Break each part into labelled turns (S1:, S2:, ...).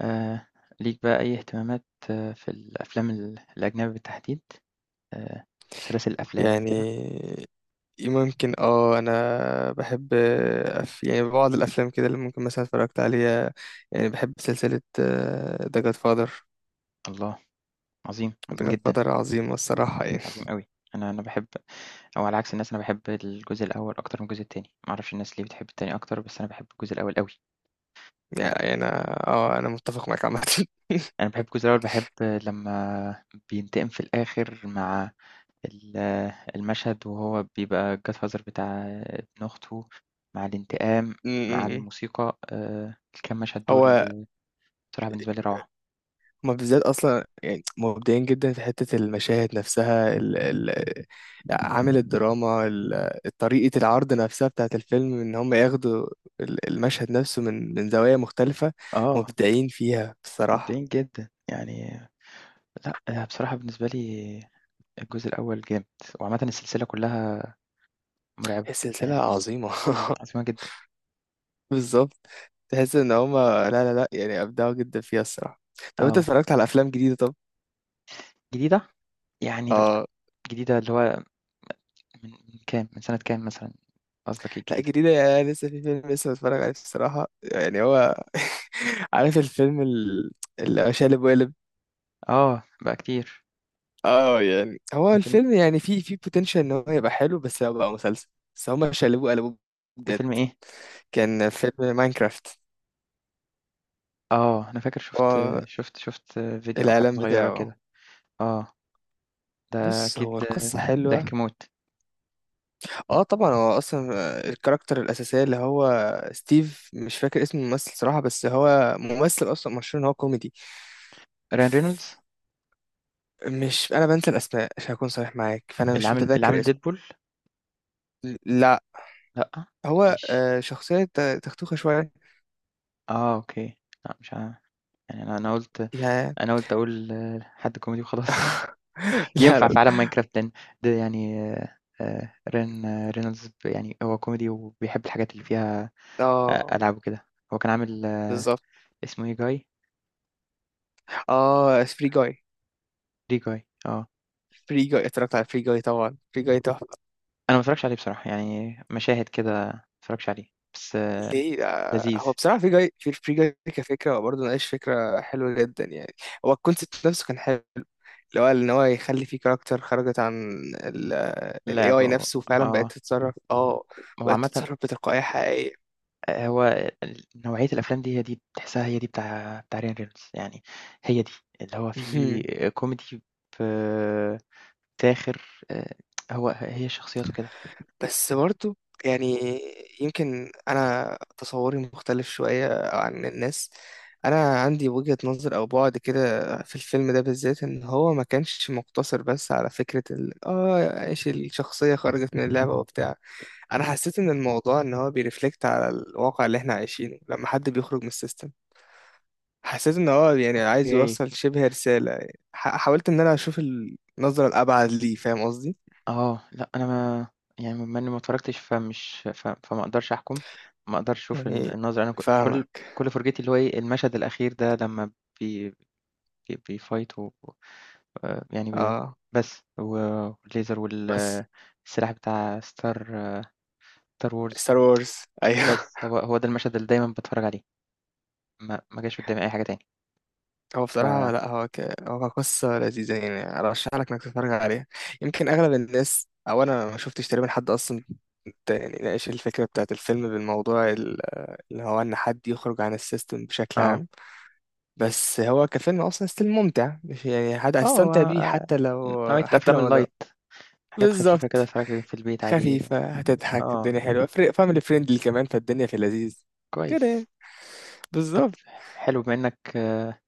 S1: آآ ليك بقى أي اهتمامات في الأفلام الأجنبي بالتحديد؟ آآ سلاسل الأفلام
S2: يعني
S1: كده؟
S2: ممكن انا بحب يعني بعض الافلام كده اللي ممكن مثلا اتفرجت عليها. يعني بحب سلسلة ذا جاد فاذر.
S1: الله! عظيم،
S2: ذا
S1: عظيم
S2: جاد
S1: جدًا،
S2: فاذر عظيمة الصراحة يعني.
S1: عظيم أوي. أنا باحب أو على عكس الناس أنا باحب الجزء الأول أكتر من الجزء التاني، ما أعرفش الناس ليه بتحب التاني أكتر، بس أنا باحب الجزء الأول أوي. يعني
S2: يعني انا متفق معاك عامة.
S1: أنا باحب الجزء الأول، باحب لمّا بينتقم في الآخر مع ال المشهد وهو بيبقى الgodfather بتاع ابن أخته، مع الانتقام،
S2: م-
S1: مع
S2: م- م.
S1: الموسيقى، الكام مشهد
S2: هو
S1: دول بصراحة بالنسبة لي روعة.
S2: هما بالذات اصلا يعني مبدعين جدا في حته المشاهد نفسها، ال عامل الدراما، طريقه العرض نفسها بتاعت الفيلم ان هم ياخدوا المشهد نفسه من زوايا مختلفه.
S1: آه،
S2: مبدعين فيها بصراحه.
S1: مبدعين جدًا، يعني لأ، أنا بصراحة بالنسبة لي الجزء الأول جامد، وعامةً السلسلة كلّها مرعبة،
S2: هي سلسله
S1: يعني
S2: عظيمه.
S1: عظيمة جدًا،
S2: بالظبط، تحس ان هم لا لا لا يعني ابدعوا جدا فيها الصراحه. طب انت
S1: آه،
S2: اتفرجت على افلام جديده؟ طب
S1: جديدة؟ يعني لأ،
S2: اه
S1: جديدة اللي هو من كام، من سنة كام مثلًا، قصدك ايه
S2: لا،
S1: الجديدة؟
S2: جديده يعني لسه في فيلم لسه بتفرج عليه الصراحه، يعني هو عارف الفيلم اللي هو شقلب وقلب.
S1: آه، بقى كتير،
S2: اه يعني هو
S1: ده فيلم
S2: الفيلم يعني فيه بوتنشال ان هو يبقى حلو بس هو بقى مسلسل، بس هما شقلبوه قلبوه
S1: ده
S2: بجد.
S1: فيلم إيه؟
S2: كان فيلم ماينكرافت.
S1: آه، أنا فاكر
S2: هو
S1: شُفت فيديو أو حاجة
S2: الإعلان
S1: صغيّرة
S2: بتاعه.
S1: كده، آه، ده
S2: بص،
S1: أكيد
S2: هو القصة حلوة.
S1: ضحك موت،
S2: اه طبعا، هو اصلا الكاركتر الأساسية اللي هو ستيف، مش فاكر اسم الممثل صراحة بس هو ممثل اصلا مشهور ان هو كوميدي.
S1: Ryan Reynolds؟
S2: مش، انا بنسى الاسماء عشان اكون صريح معاك، فانا مش
S1: اللي
S2: متذكر
S1: عامل
S2: اسم.
S1: Deadpool؟
S2: لا،
S1: لأ،
S2: هو
S1: ماشي،
S2: شخصية تختوخة شوية.
S1: آه، أوكي، لأ مش ع يعني أنا قُلت،
S2: يا-
S1: أنا قُلت أقول حد كوميدي وخلاص.
S2: لا لا
S1: ينفع في
S2: لا.
S1: عالم ماينكرافت، لإن ده يعني رينولدز، يعني هو كوميدي وبيحب الحاجات اللي فيها
S2: اه
S1: ألعاب وكده. هو كان عامل
S2: بالظبط.
S1: اسمه إيه Guy؟
S2: اه فري جاي،
S1: Free Guy. آه.
S2: فري جاي، اتفرجت على فري جاي طبعا، فري جاي تحفه.
S1: أنا ما اتفرّجتش عليه بصراحة، يعني مشاهد كده ما اتفرّجتش عليه، بس آه،
S2: ليه؟
S1: لذيذ،
S2: هو بصراحه فري جاي في فري جاي كفكره هو برضه ناقش فكره حلوه جدا يعني. هو الكونسيبت نفسه كان حلو، اللي هو ان هو يخلي فيه كاركتر خرجت عن الاي
S1: لعبة
S2: اي
S1: و
S2: نفسه وفعلا بقت
S1: آه.
S2: تتصرف،
S1: هو
S2: بقت
S1: عامةً
S2: تتصرف بتلقائيه حقيقيه.
S1: هو ال نوعية الأفلام دي، هي دي تحسّها، هي دي بتاع بتاع رين رينولدز، يعني هي دي، اللي هو فيه كوميدي ب ساخر، آآ هو هي شخصيته كده.
S2: بس برضو يعني يمكن انا تصوري مختلف شوية عن الناس، انا عندي وجهة نظر او بعد كده في الفيلم ده بالذات، ان هو ما كانش مقتصر بس على فكرة ال اه ايش الشخصية خرجت من اللعبة وبتاع. انا حسيت ان الموضوع ان هو بيرفلكت على الواقع اللي احنا عايشينه لما حد بيخرج من السيستم. حسيت ان هو يعني عايز
S1: أوكي.
S2: يوصل شبه رسالة. حاولت ان انا اشوف النظرة الابعد ليه، فاهم قصدي؟
S1: لأ أنا ما يعني بما إني ما اتفرجتش فمش فما أقدرش أحكم، ما أقدرش أشوف
S2: يعني
S1: النظرة، أنا كل
S2: فاهمك.
S1: كل فرجتي اللي هو إيه، المشهد الأخير ده لمّا بي بي بيfight و يعني
S2: اه
S1: بس، و والليزر وال
S2: بس
S1: السلاح بتاع star wars.
S2: ستار وورز. ايوه.
S1: بس هو ده المشهد اللي دايمًا باتفرج عليه، ما جاش قدامي أي حاجة تاني.
S2: هو
S1: ف
S2: بصراحة، لا، هو قصة لذيذة، يعني أرشح لك إنك تتفرج عليها. يمكن أغلب الناس أو أنا ما شفتش تقريبا حد أصلا يعني ناقش الفكرة بتاعت الفيلم بالموضوع اللي هو إن حد يخرج عن السيستم بشكل
S1: آه،
S2: عام. بس هو كفيلم أصلا ستيل ممتع، مش يعني حد
S1: هو
S2: هتستمتع بيه حتى لو
S1: نوعية الأفلام
S2: ما ده.
S1: الlight. حاجات خفيفة كده
S2: بالظبط.
S1: أتفرج في البيت عادي.
S2: خفيفة، هتضحك،
S1: آه،
S2: الدنيا حلوة. فاميلي فريندلي كمان، فالدنيا في اللذيذ كده
S1: كويس.
S2: يعني.
S1: طب
S2: بالظبط.
S1: حلو بما إنك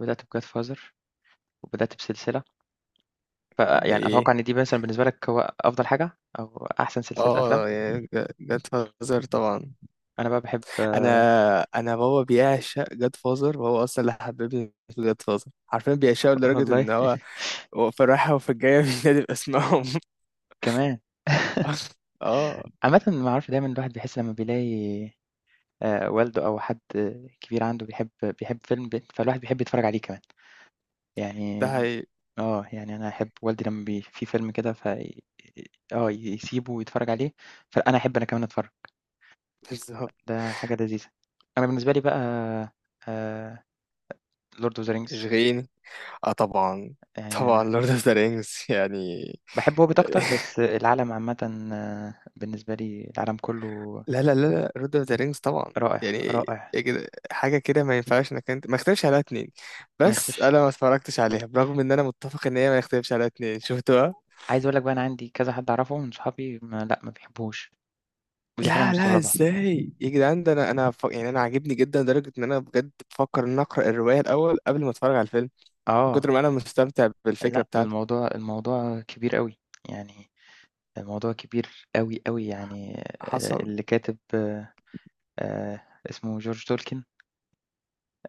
S1: بدأت بجاد فازر وبدأت بسلسلة، فيعني أتوقع
S2: إيه.
S1: إن دي مثلا بالنسبة لك هو أفضل حاجة أو أحسن سلسلة أفلام.
S2: اه يعني جاد
S1: مم.
S2: فازر طبعا.
S1: أنا بقى بحب
S2: انا انا بابا بيعشق جاد فازر وهو اصلا اللي حببني في جاد فازر، عارفين بيعشقه لدرجه
S1: والله.
S2: ان هو هو في الرايحه وفي الجايه بينادي باسمهم.
S1: كمان.
S2: اه
S1: عامة ما أعرف، دايما الواحد بيحس لما بيلاقي والده أو حد كبير عنده بيحب فيلم فالواحد بيحب يتفرج عليه كمان
S2: ده
S1: يعني.
S2: هي
S1: يعني أنا أحب والدي لمّا في فيلم كده ف يسيبه ويتفرج عليه، فأنا أحب أنا كمان أتفرج،
S2: بالظبط.
S1: ده حاجة لذيذة. أنا بالنسبة لي بقى آآ Lord of the Rings.
S2: اشغيني. اه طبعا، طبعا
S1: يعني
S2: لورد اوف ذا رينجز يعني.
S1: باحب Hobbit أكتر، بس العالم عامةً بالنسبة لي العالم كله
S2: لا لا لا لا، لورد اوف ذا رينجز طبعا،
S1: رائع،
S2: يعني
S1: رائع،
S2: إيه كده، حاجه كده ما ينفعش انك انت ما يختلفش عليها اتنين،
S1: ما
S2: بس
S1: يختلفش.
S2: انا ما اتفرجتش عليها برغم ان انا متفق ان هي ما يختلفش عليها اتنين شفتوها.
S1: عايز أقول لك بقى أنا عندي كذا حد أعرفه من صحابي ما، لأ، ما بيحبوهوش، ودي حاجة أنا
S2: لا لا،
S1: مستغربها.
S2: ازاي يا جدعان؟ ده انا، يعني انا عاجبني جدا لدرجه ان انا بجد بفكر ان أنا اقرا الروايه الاول قبل ما اتفرج على الفيلم، من
S1: آه،
S2: كتر ما انا مستمتع بالفكره
S1: لأ،
S2: بتاعته.
S1: الموضوع كبير أوي، يعني الموضوع كبير أوي، أوي يعني
S2: حصل.
S1: اللي كاتب آآ اسمه جورج تولكين،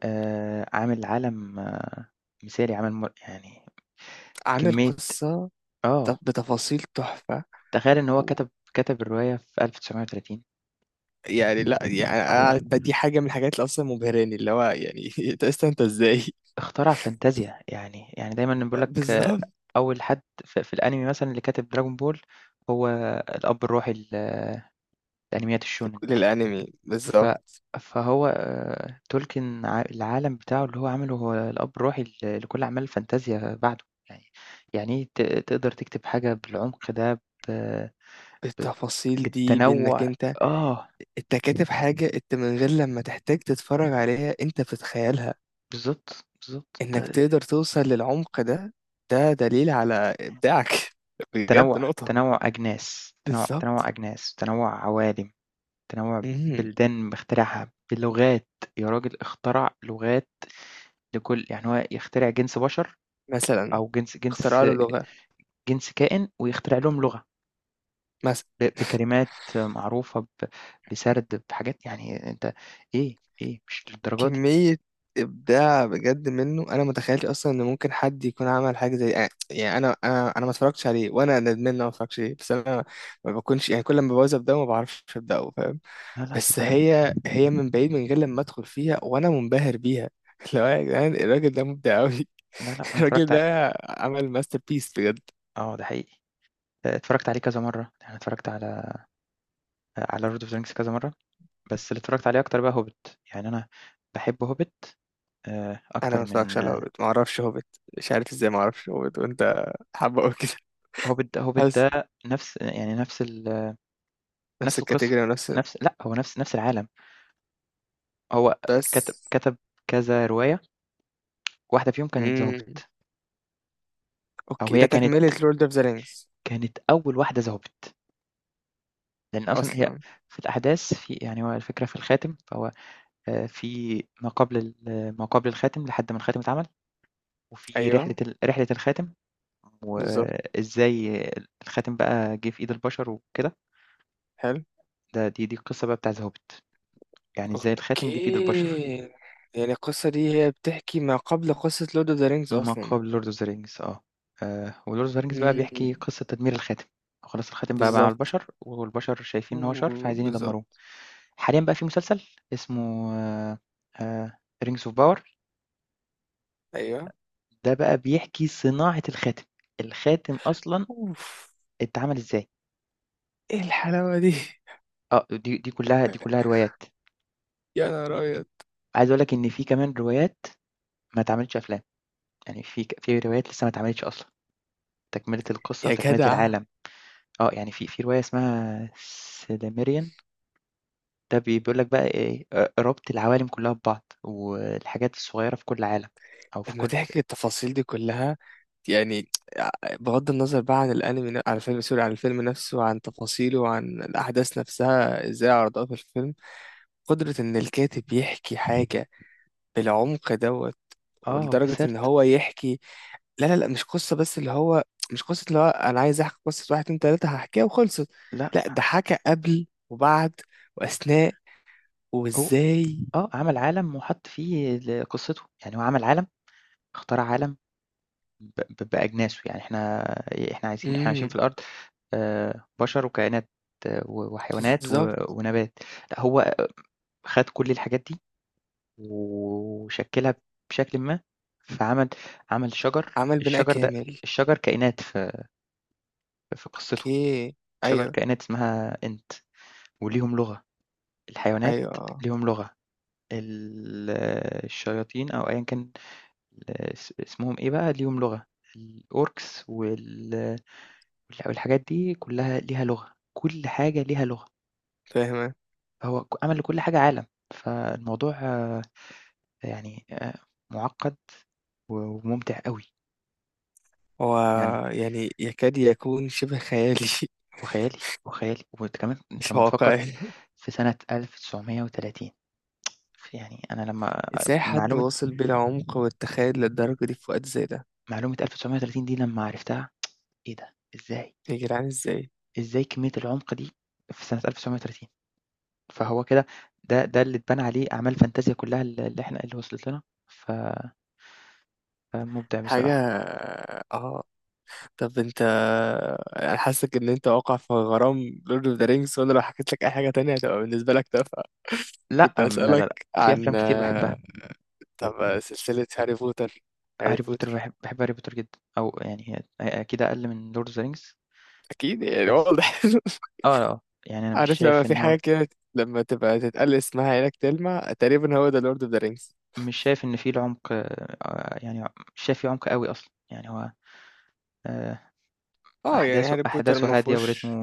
S1: عامل عالم مثالي، عامل يعني
S2: عامل
S1: كمية،
S2: قصه
S1: آه،
S2: بتفاصيل تحفه.
S1: تخيل إن هو
S2: و...
S1: كتب الرواية في 1930.
S2: يعني لا، يعني
S1: هو
S2: أنا، دي حاجه من الحاجات اللي اصلا مبهراني، اللي هو يعني انت أصلاً انت ازاي؟
S1: اخترع فانتازيا، يعني يعني دايمًا بيقول لك
S2: بالظبط،
S1: أول حد في الأنمي مثلًا اللي كاتب دراجون بول، هو الأب الروحي لأنميات الشونن.
S2: للانمي
S1: ف
S2: بالظبط.
S1: Tolkien، العالم بتاعه اللي هو عمله، هو الأب الروحي لكل أعمال الفانتازيا بعده، يعني يعني إيه تقدر تكتب حاجة بالعمق ده ب ب
S2: التفاصيل دي بانك
S1: بالتنوُّع.
S2: انت
S1: آه،
S2: انت كاتب حاجه انت من غير لما تحتاج تتفرج عليها انت بتتخيلها،
S1: بالضبط، بالضبط، أنت
S2: انك تقدر توصل للعمق ده، ده دليل على ابداعك. بجد نقطة.
S1: تنوُّع تنوُّع
S2: بالظبط
S1: أجناس، تنوُّع عوالم، تنوُّع
S2: مهم.
S1: بلدان مخترعها، بلغات، يا راجل اخترع لغات لكل، يعني هو يخترع جنس بشر
S2: مثلا
S1: أو
S2: اختراع له لغة.
S1: جنس كائن ويخترع لهم لغة.
S2: مثلا
S1: بكلمات معروفة، بسرد بحاجات يعني أنت إيه، إيه مش للدرجة دي،
S2: كمية ابداع بجد منه، انا متخيلش اصلا ان ممكن حد يكون عمل حاجة زي، يعني انا ما اتفرجتش عليه وانا ندمان ان انا ما اتفرجتش عليه، بس انا ما بكونش يعني كل ما ببوظ ابداع ما بعرفش ابداه، فاهم؟
S1: لا، لأ،
S2: بس
S1: آه،
S2: هي من بعيد من غير لما ادخل فيها وانا منبهر بيها. لو يا جدعان الراجل ده مبدع قوي.
S1: لا، لأ، أنا
S2: الراجل
S1: اتفرّجت
S2: ده عمل ماستر بيس بجد.
S1: آه، ده حقيقي، اتفرّجت عليه كذا مرّة، يعني اتفرّجت على Lord of the Rings كذا مرّة، بس اللي اتفرّجت عليه أكتر بقى Hobbit، يعني أنا باحب Hobbit
S2: انا
S1: أكتر
S2: ما اتفرجش
S1: من
S2: على هوبت، ما اعرفش هوبت، مش عارف ازاي ما اعرفش هوبت وانت حابه قوي كده.
S1: Hobbit. ده Hobbit
S2: حاسس
S1: ده نفس، يعني نفس
S2: نفس
S1: نفس القصة،
S2: الكاتيجوري ونفس
S1: نفس، لأ، هو نفس العالم، هو
S2: بس.
S1: كتب كذا رواية، واحدة فيهم كانت The
S2: امم
S1: Hobbit، أو
S2: اوكي،
S1: هي
S2: ده
S1: كانت
S2: تكملة لورد اوف ذا رينجز
S1: كانت أول واحدة The Hobbit. لأن أصلًا هي
S2: اصلا؟
S1: في الأحداث في، يعني هو الفكرة في الخاتم، فهو في ما قبل آه، ما قبل الخاتم لحد ما الخاتم اتعمل، وفي
S2: ايوه
S1: رحلة رحلة الخاتم،
S2: بالظبط.
S1: وإزاي الخاتم بقى جِه في إيد البشر وكده،
S2: حلو.
S1: ده دي القصة بقى بتاع The Hobbit، يعني إزاي الخاتم جِه في إيد البشر،
S2: اوكي يعني القصة دي هي بتحكي ما قبل قصة لورد اوف ذا رينجز
S1: ما
S2: اصلا.
S1: قبل Lord of the Rings. آه، وLord of the Rings بقى
S2: امم
S1: بيحكي قصة تدمير الخاتم، خلاص الخاتم بقى مع
S2: بالظبط.
S1: البشر، والبشر شايفين إن هو شر فعايزين
S2: بالظبط.
S1: يدمروه. حاليًا بقى في مسلسل اسمه Rings of Power،
S2: ايوه.
S1: ده بقى بيحكي صناعة الخاتم، الخاتم أصلًا
S2: اوف،
S1: اتعمل إزاي،
S2: ايه الحلاوة دي!
S1: آه دي كلّها روايات،
S2: يا نهار ابيض.
S1: عايز أقول لك إن في كمان روايات ما اتعملتش أفلام، يعني في في روايات لسه ما اتعملتش أصلًا، تكملة القصة
S2: يا
S1: وتكملة
S2: جدع
S1: العالم، يعني في في رواية اسمها سيلميريان، ده بيقول لك بقى إيه، ربط العوالم كلّها ببعض، والحاجات الصغيّرة في كل عالم أو في
S2: لما
S1: كل
S2: تحكي التفاصيل دي كلها، يعني بغض النظر بقى عن الانمي، عن الفيلم، سوري، عن الفيلم نفسه وعن تفاصيله وعن الاحداث نفسها ازاي عرضوها في الفيلم، قدرة ان الكاتب يحكي حاجة بالعمق دوت،
S1: آه
S2: ولدرجة ان
S1: بسرت.
S2: هو يحكي، لا لا لا، مش قصة بس اللي هو، مش قصة اللي هو انا عايز احكي قصة واحد اتنين تلاتة هحكيها وخلصت،
S1: لأ،
S2: لا، ده حكى قبل وبعد واثناء
S1: هو
S2: وازاي.
S1: عمل عالم وحط فيه قصته، يعني هو عمل عالم، اخترع عالم ب ب بأجناسه، يعني إحنا عايزين إحنا عايشين في
S2: امم
S1: الأرض، بشر وكائنات، و وحيوانات و
S2: بالظبط،
S1: ونبات، لأ هو خَد كل الحاجات دي وشكّلها بشكلٍ ما، فعمل، عمل شجر،
S2: عمل بناء
S1: الشجر ده
S2: كامل.
S1: الشجر كائنات في قصته،
S2: اوكي.
S1: شجر
S2: ايوه،
S1: كائنات اسمها إنت، وليهم لغة، الحيوانات
S2: ايوه، آه.
S1: ليهم لغة، ال الشياطين أو أيًا كان، اسمهم إيه بقى، ليهم لغة، الأوركس وال والح والحاجات دي كلّها ليها لغة، كل حاجة ليها لغة،
S2: فاهم.
S1: هو عمل لكل حاجة عالم، فالموضوع يعني مُعقّد و وممتع أوي،
S2: هو
S1: يعني
S2: يعني يكاد يكون شبه خيالي.
S1: هو خيالي، هو خيالي، وأنت كمان أنت
S2: مش
S1: لمّا تفكّر
S2: واقعي.
S1: في سنة 1930، ف يعني أنا لمّا
S2: ازاي حد
S1: معلومة
S2: واصل بالعمق والتخيل للدرجة دي في وقت زي ده؟
S1: 1930 دي لمّا عرفتها، إيه ده! إزاي!
S2: يا جدعان ازاي؟
S1: إزاي كمية العُمق دي في سنة 1930. فهو كده، ده ده اللي اتبنى عليه أعمال فانتازيا كلّها اللي إحنا اللي وصلت لنا، ف فمُبدع بصراحة.
S2: حاجة، اه طب انت، انا حاسك ان انت واقع في غرام لورد اوف ذا رينجز وانا لو حكيت لك اي حاجة تانية هتبقى بالنسبة لك تافهة.
S1: لأ،
S2: كنت
S1: لا، لا،
S2: هسألك
S1: لأ، في أفلام
S2: عن،
S1: كتير باحبها،
S2: طب سلسلة هاري بوتر. هاري
S1: هاري بوتر.
S2: بوتر
S1: باحب هاري بوتر جدًا، أو يعني هي هي أكيد أقل من لورد of the rings،
S2: اكيد يعني
S1: بس
S2: واضح.
S1: آه، آه، يعني أنا مش
S2: عارف لما
S1: شايف
S2: في
S1: إن هو
S2: حاجة كده لما تبقى تتقال اسمها عينك تلمع تقريبا، هو ده لورد اوف ذا رينجز.
S1: مش شايف إن في العمق، يعني مش شايف في عمق أوي أصلًا، يعني هو آآ،
S2: اه يعني هاري بوتر ما
S1: أحداثه هادية، ورتمه
S2: فيهوش.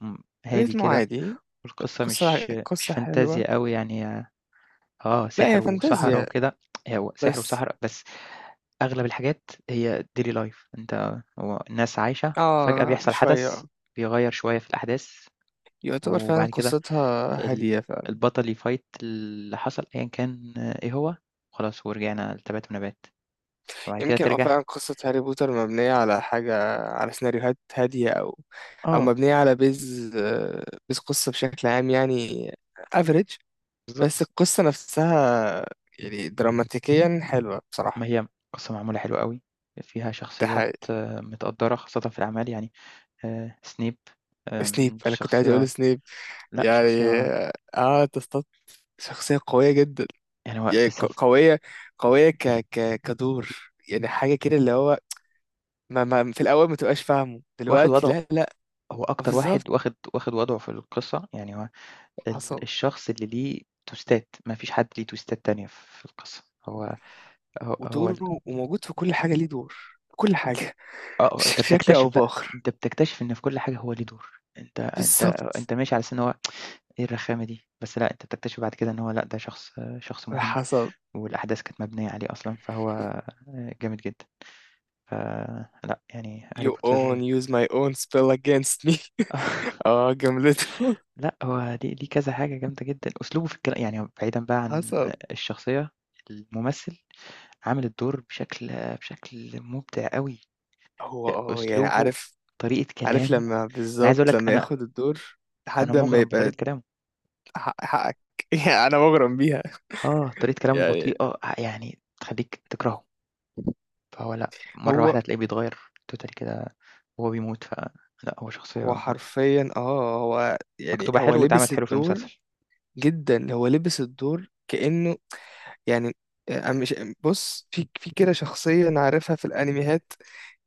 S1: م هادي
S2: ريتمه
S1: كده،
S2: عادي.
S1: والقصة
S2: قصة
S1: مش
S2: قصة حلوة،
S1: فانتازيا أوي يعني،
S2: لا
S1: سحر
S2: هي
S1: وسحرة
S2: فانتازيا
S1: وكده، هو سحر
S2: بس.
S1: وسحرة بس، أغلب الحاجات هي daily life، أنت هو الناس عايشة وفجأة
S2: اه
S1: بيحصل
S2: شوية،
S1: حدث بيغيّر شوية في الأحداث،
S2: يعتبر فعلا
S1: وبعد كده
S2: قصتها هادية
S1: ال
S2: فعلا.
S1: البطل يfight اللي حصل أيًا كان إيه هو، خلاص، ورجعنا لتبات ونبات. وبعد كده
S2: يمكن
S1: ترجع.
S2: فعلا قصة هاري بوتر مبنية على حاجة، على سيناريوهات هادية، أو
S1: آه
S2: مبنية على بيز قصة بشكل عام يعني. افريج. بس
S1: بالضبط،
S2: القصة نفسها يعني دراماتيكيا حلوة
S1: ما
S2: بصراحة.
S1: هي قصة معمولة حلو أوي، فيها
S2: ده
S1: شخصيات
S2: حقيقي.
S1: متقدّرة خاصةً في الأعمال، يعني سنيب،
S2: سنيب، انا كنت عايز اقول
S1: شخصية،
S2: سنيب.
S1: لأ
S2: يعني
S1: شخصية،
S2: اه تصطاد، شخصية قوية جدا.
S1: يعني هو في
S2: يعني
S1: السلس
S2: قوية، ك ك كدور، يعني حاجة كده اللي هو ما في الأول ما تبقاش فاهمه
S1: واخد
S2: دلوقتي
S1: وضعه،
S2: لا لا.
S1: هو أكتر
S2: بالظبط.
S1: واحد واخد وضعه في القصة، يعني هو
S2: حصل.
S1: الشخص اللي ليه تويستات، ما فيش حد ليه تويستات تانية في القصة، هو هو
S2: ودوره وموجود في كل حاجة ليه دور، كل حاجة.
S1: آه، آه، أنت
S2: بشكل أو
S1: بتكتشف بقى،
S2: بآخر.
S1: أنت بتكتشف إن في كل حاجة هو ليه دور، أنت
S2: بالظبط.
S1: أنت ماشي على أساس إن هو إيه الرخامة دي، بس لأ، أنت بتكتشف بعد كده إن هو لأ، ده شخص مهم،
S2: حصل.
S1: والأحداث كانت مبنية عليه أصلًا، فهو جامد جدًا. فلأ، يعني هاري
S2: you
S1: بوتر.
S2: own use my own spell against me. اه جملته.
S1: لأ، هو ليه كذا حاجة جامدة جدًا، أسلوبه في الكلا، يعني بعيدًا بقى عن
S2: حصل.
S1: الشخصية، الممثل عامل الدور بشكل مُبدع أوي،
S2: هو يعني،
S1: أسلوبه،
S2: عارف
S1: طريقة
S2: عارف
S1: كلامه،
S2: لما
S1: أنا عايز أقول
S2: بالظبط
S1: لك،
S2: لما
S1: أنا
S2: ياخد الدور
S1: أنا
S2: لحد ما
S1: مُغرم
S2: يبقى،
S1: بطريقة كلامه،
S2: حقك. يعني انا مغرم بيها
S1: طريقة كلامه
S2: يعني.
S1: بطيئة يعني تخلّيك تكرهه، فهو لأ، مرّة
S2: هو
S1: واحدة هتلاقيه بيتغيّر totally كده وهو بيموت، فلأ هو شخصية
S2: هو حرفيا هو يعني
S1: مكتوبة
S2: هو
S1: حلو واتعملت
S2: لبس
S1: حلو في
S2: الدور
S1: المسلسل،
S2: جدا. هو لبس الدور كأنه يعني. أنا مش، بص في كده شخصية أنا عارفها في الأنميات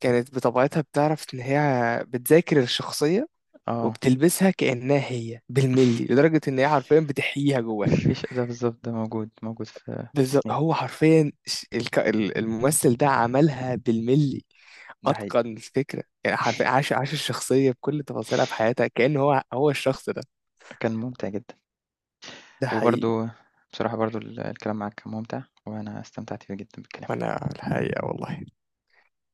S2: كانت بطبيعتها بتعرف إن هي بتذاكر الشخصية
S1: آه،
S2: وبتلبسها كأنها هي بالملي لدرجة إن هي حرفيا بتحييها جواها.
S1: في ش ده بالضبط، ده موجود، موجود في
S2: بالظبط.
S1: سنيب،
S2: هو حرفيا الممثل ده عملها بالملي.
S1: ده حقيقي.
S2: اتقن الفكره يعني حرفيا عاش الشخصيه بكل تفاصيلها في حياتها كأن هو هو الشخص ده.
S1: كان مُمتع جدًا،
S2: ده حقيقي.
S1: وبرضه بصراحة، برضه الكلام معاك كان مُمتع، وأنا استمتعت بيه جدًا بالكلام.
S2: وانا الحقيقه والله